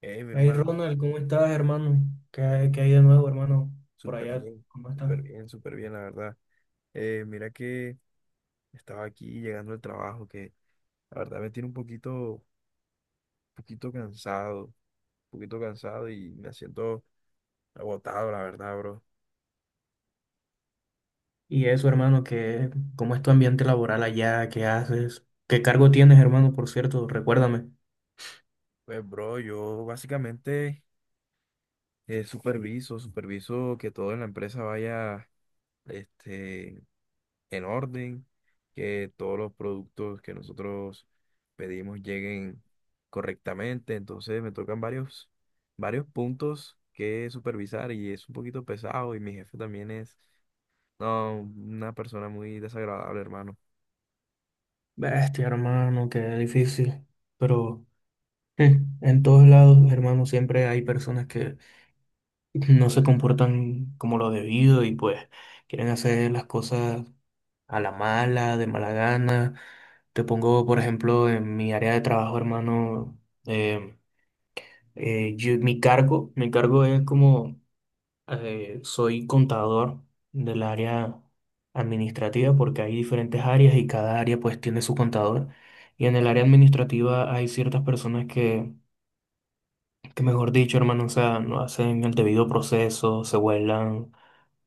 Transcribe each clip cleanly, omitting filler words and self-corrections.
Mi Hey hermano, Ronald, ¿cómo estás, hermano? ¿Qué hay eh, de nuevo, hermano? Por súper allá, bien, ¿cómo estás? súper bien, súper bien, la verdad. Mira que estaba aquí llegando al trabajo, que la verdad me tiene un poquito, poquito cansado, un poquito cansado y me siento agotado, la verdad, bro. Y eso, hermano, ¿qué, cómo es tu ambiente laboral allá? ¿Qué haces? ¿Qué cargo tienes, hermano, por cierto? Recuérdame. Pues, bro, yo básicamente superviso que todo en la empresa vaya, este, en orden, que todos los productos que nosotros pedimos lleguen correctamente. Entonces me tocan varios puntos que supervisar y es un poquito pesado y mi jefe también es, no, una persona muy desagradable, hermano. Bestia, hermano, qué difícil. Pero en todos lados, hermano, siempre hay personas que no se comportan como lo debido y pues quieren hacer las cosas a la mala, de mala gana. Te pongo, por ejemplo, en mi área de trabajo, hermano. em, mi cargo es como soy contador del área administrativa porque hay diferentes áreas y cada área pues tiene su contador. Y en el área administrativa hay ciertas personas que mejor dicho, hermano, o sea, no hacen el debido proceso, se vuelan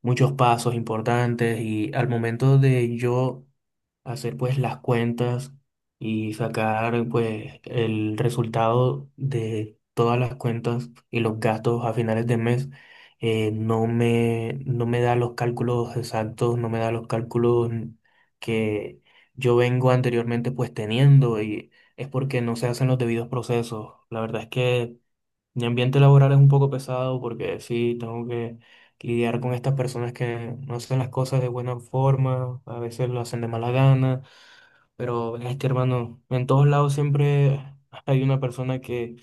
muchos pasos importantes y al momento de yo hacer pues las cuentas y sacar pues el resultado de todas las cuentas y los gastos a finales de mes, no me da los cálculos exactos, no me da los cálculos que yo vengo anteriormente pues teniendo y es porque no se hacen los debidos procesos. La verdad es que mi ambiente laboral es un poco pesado porque sí, tengo que lidiar con estas personas que no hacen las cosas de buena forma, a veces lo hacen de mala gana, pero este hermano, en todos lados siempre hay una persona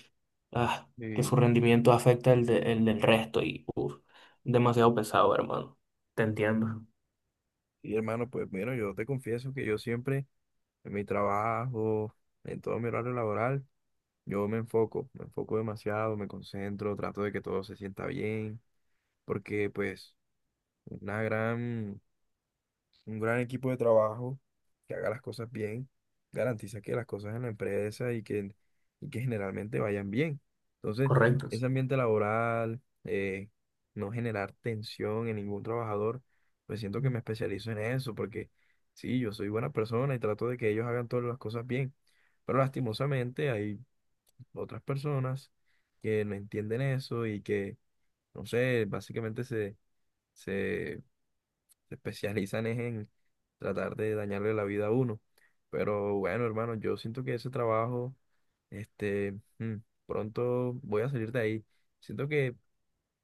ah, que Y, su rendimiento afecta el del resto y uf, demasiado pesado, hermano. Te entiendo. y hermano, pues bueno, yo te confieso que yo siempre en mi trabajo, en todo mi horario laboral, yo me enfoco demasiado, me concentro, trato de que todo se sienta bien, porque pues una gran un gran equipo de trabajo que haga las cosas bien, garantiza que las cosas en la empresa y que generalmente vayan bien. Entonces, Correcto, sí. ese ambiente laboral, no generar tensión en ningún trabajador, pues siento que me especializo en eso, porque sí, yo soy buena persona y trato de que ellos hagan todas las cosas bien. Pero lastimosamente hay otras personas que no entienden eso y que, no sé, básicamente se se especializan es en tratar de dañarle la vida a uno. Pero bueno, hermano, yo siento que ese trabajo, este, mm, pronto voy a salir de ahí. Siento que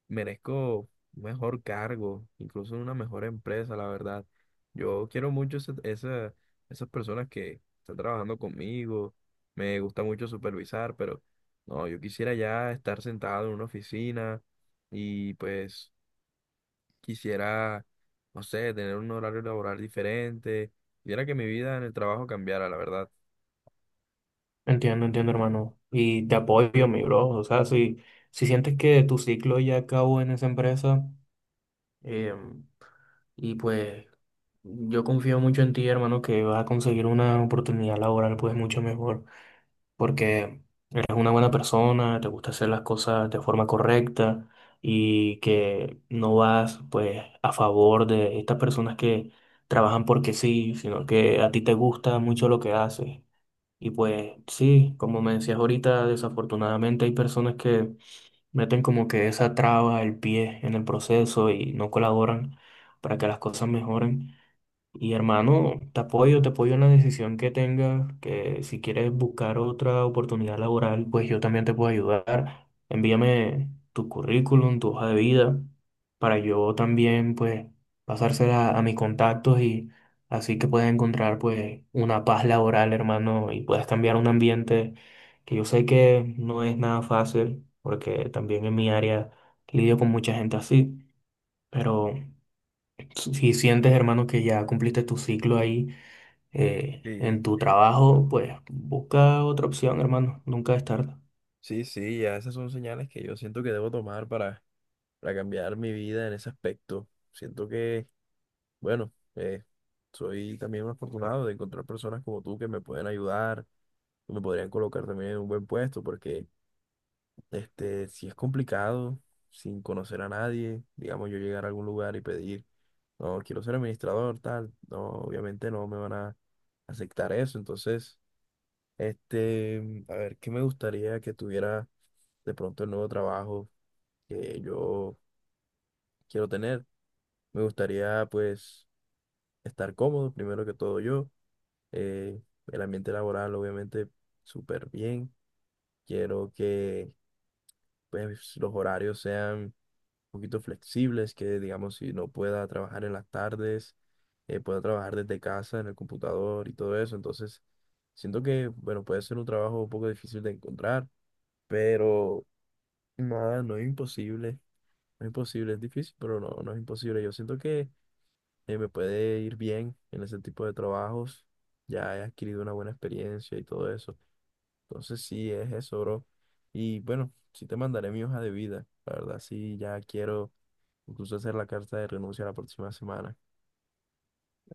merezco un mejor cargo, incluso una mejor empresa, la verdad. Yo quiero mucho esas personas que están trabajando conmigo. Me gusta mucho supervisar, pero no, yo quisiera ya estar sentado en una oficina y pues quisiera, no sé, tener un horario laboral diferente, quisiera que mi vida en el trabajo cambiara, la verdad. Entiendo, entiendo, hermano. Y te apoyo, mi bro. O sea, si sientes que tu ciclo ya acabó en esa empresa, em, y pues yo confío mucho en ti, hermano, que vas a conseguir una oportunidad laboral pues mucho mejor, porque eres una buena persona, te gusta hacer las cosas de forma correcta y que no vas pues a favor de estas personas que trabajan porque sí, sino que a ti te gusta mucho lo que haces. Y pues sí, como me decías ahorita, desafortunadamente hay personas que meten como que esa traba, el pie en el proceso y no colaboran para que las cosas mejoren. Y hermano, te apoyo en la decisión que tengas, que si quieres buscar otra oportunidad laboral, pues yo también te puedo ayudar. Envíame tu currículum, tu hoja de vida, para yo también, pues, pasársela a mis contactos y así que puedas encontrar, pues, una paz laboral, hermano, y puedas cambiar un ambiente que yo sé que no es nada fácil, porque también en mi área lidio con mucha gente así, pero si sientes, hermano, que ya cumpliste tu ciclo ahí, en Sí, tu trabajo, pues busca otra opción, hermano. Nunca es tarde. sí, sí, ya esas son señales que yo siento que debo tomar para cambiar mi vida en ese aspecto. Siento que, bueno, soy también un afortunado de encontrar personas como tú que me pueden ayudar, que me podrían colocar también en un buen puesto, porque este, si es complicado, sin conocer a nadie, digamos yo llegar a algún lugar y pedir, no, quiero ser administrador, tal, no, obviamente no me van a aceptar eso. Entonces, este, a ver, ¿qué me gustaría que tuviera de pronto el nuevo trabajo que yo quiero tener? Me gustaría pues estar cómodo, primero que todo yo, eh, el ambiente laboral obviamente súper bien, quiero que pues los horarios sean poquito flexibles, que digamos si no pueda trabajar en las tardes, pueda trabajar desde casa en el computador y todo eso. Entonces, siento que, bueno, puede ser un trabajo un poco difícil de encontrar, pero nada, no es imposible. No es imposible, es difícil, pero no, no es imposible. Yo siento que me puede ir bien en ese tipo de trabajos. Ya he adquirido una buena experiencia y todo eso. Entonces sí, es eso, bro. Y bueno, sí te mandaré mi hoja de vida. La verdad, sí, ya quiero incluso hacer la carta de renuncia la próxima semana.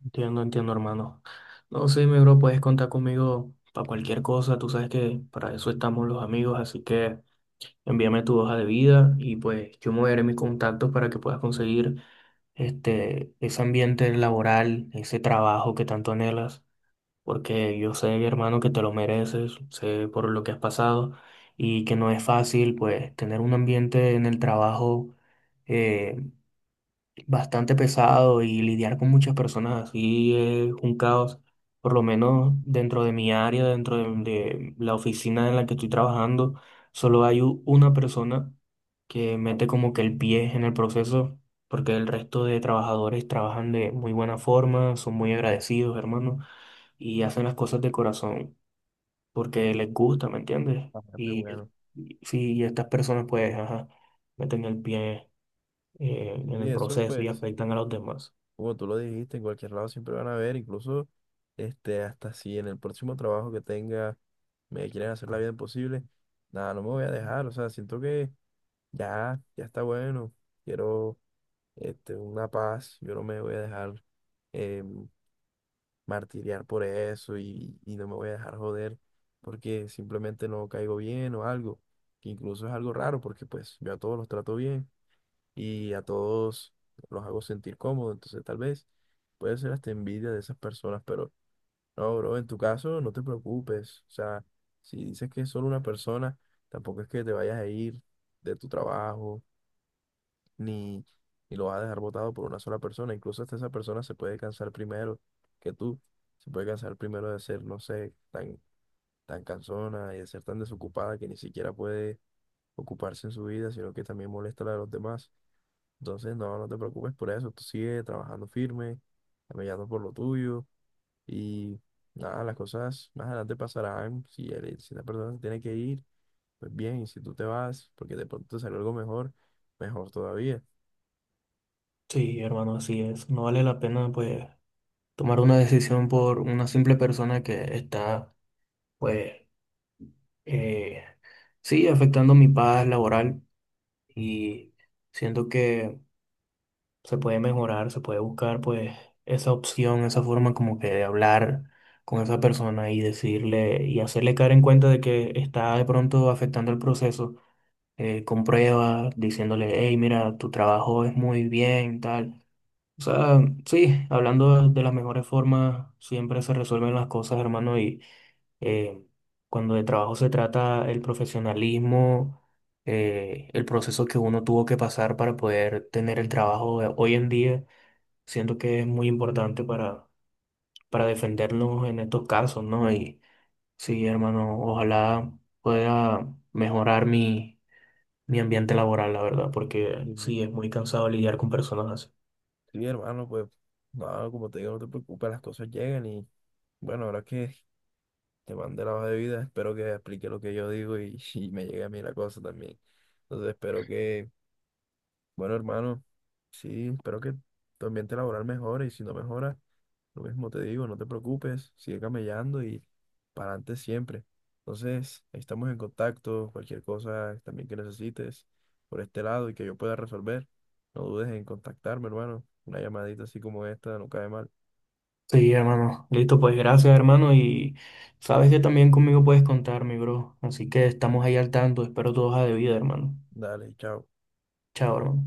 Entiendo, entiendo, hermano. No, sí, mi bro, puedes contar conmigo para cualquier cosa. Tú sabes que para eso estamos los amigos, así que envíame tu hoja de vida y pues yo moveré mis contactos para que puedas conseguir este, ese ambiente laboral, ese trabajo que tanto anhelas, porque yo sé, hermano, que te lo mereces, sé por lo que has pasado y que no es fácil, pues, tener un ambiente en el trabajo eh, bastante pesado, y lidiar con muchas personas así es un caos, por lo menos dentro de mi área, dentro de la oficina en la que estoy trabajando, solo hay una persona que mete como que el pie en el proceso, porque el resto de trabajadores trabajan de muy buena forma, son muy agradecidos, hermano, y hacen las cosas de corazón porque les gusta, ¿me entiendes? Ah, qué bueno. Y sí, y estas personas pues, ajá, meten el pie en Sí, el eso proceso y pues, afectan a los demás. como tú lo dijiste, en cualquier lado siempre van a ver, incluso este, hasta si en el próximo trabajo que tenga me quieren hacer la vida imposible, nada, no me voy a dejar. O sea, siento que ya, ya está bueno. Quiero este, una paz, yo no me voy a dejar em, martiriar por eso y no me voy a dejar joder porque simplemente no caigo bien o algo, que incluso es algo raro porque pues yo a todos los trato bien y a todos los hago sentir cómodo, entonces tal vez puede ser hasta envidia de esas personas, pero no, bro, en tu caso no te preocupes, o sea, si dices que es solo una persona, tampoco es que te vayas a ir de tu trabajo ni, ni lo vas a dejar votado por una sola persona. Incluso hasta esa persona se puede cansar primero que tú. Se puede cansar primero de ser, no sé, tan cansona y de ser tan desocupada que ni siquiera puede ocuparse en su vida, sino que también molesta a la de los demás. Entonces, no, no te preocupes por eso. Tú sigue trabajando firme, caminando por lo tuyo y nada, las cosas más adelante pasarán. Si, si la persona se tiene que ir, pues bien, y si tú te vas, porque de pronto te salió algo mejor, mejor todavía. Sí, hermano, así es. No vale la pena pues tomar una decisión por una simple persona que está pues, eh, sí, afectando mi paz laboral y siento que se puede mejorar, se puede buscar pues esa opción, esa forma como que de hablar con esa persona y decirle y hacerle caer en cuenta de que está de pronto afectando el proceso, con pruebas, diciéndole, hey, mira, tu trabajo es muy bien, tal. O sea, sí, hablando de las mejores formas, siempre se resuelven las cosas, hermano, y eh, cuando de trabajo se trata, el profesionalismo, el proceso que uno tuvo que pasar para poder tener el trabajo de hoy en día, siento que es muy importante para defendernos en estos casos, ¿no? Y sí, hermano, ojalá pueda mejorar mi ambiente laboral, la verdad, porque sí, es muy cansado lidiar con personas así. Sí, hermano, pues, no, como te digo, no te preocupes, las cosas llegan y bueno, ahora que te mandé la hoja de vida, espero que explique lo que yo digo y me llegue a mí la cosa también. Entonces, espero que, bueno, hermano, sí, espero que tu ambiente laboral mejore y si no mejora, lo mismo te digo, no te preocupes, sigue camellando y para adelante siempre. Entonces, ahí estamos en contacto, cualquier cosa también que necesites por este lado y que yo pueda resolver, no dudes en contactarme, hermano. Una llamadita así como esta no cae mal. Sí, hermano. Listo, pues gracias, hermano. Y sabes que también conmigo puedes contar, mi bro. Así que estamos ahí al tanto. Espero tu hoja de vida, hermano. Dale, chao. Chao, hermano.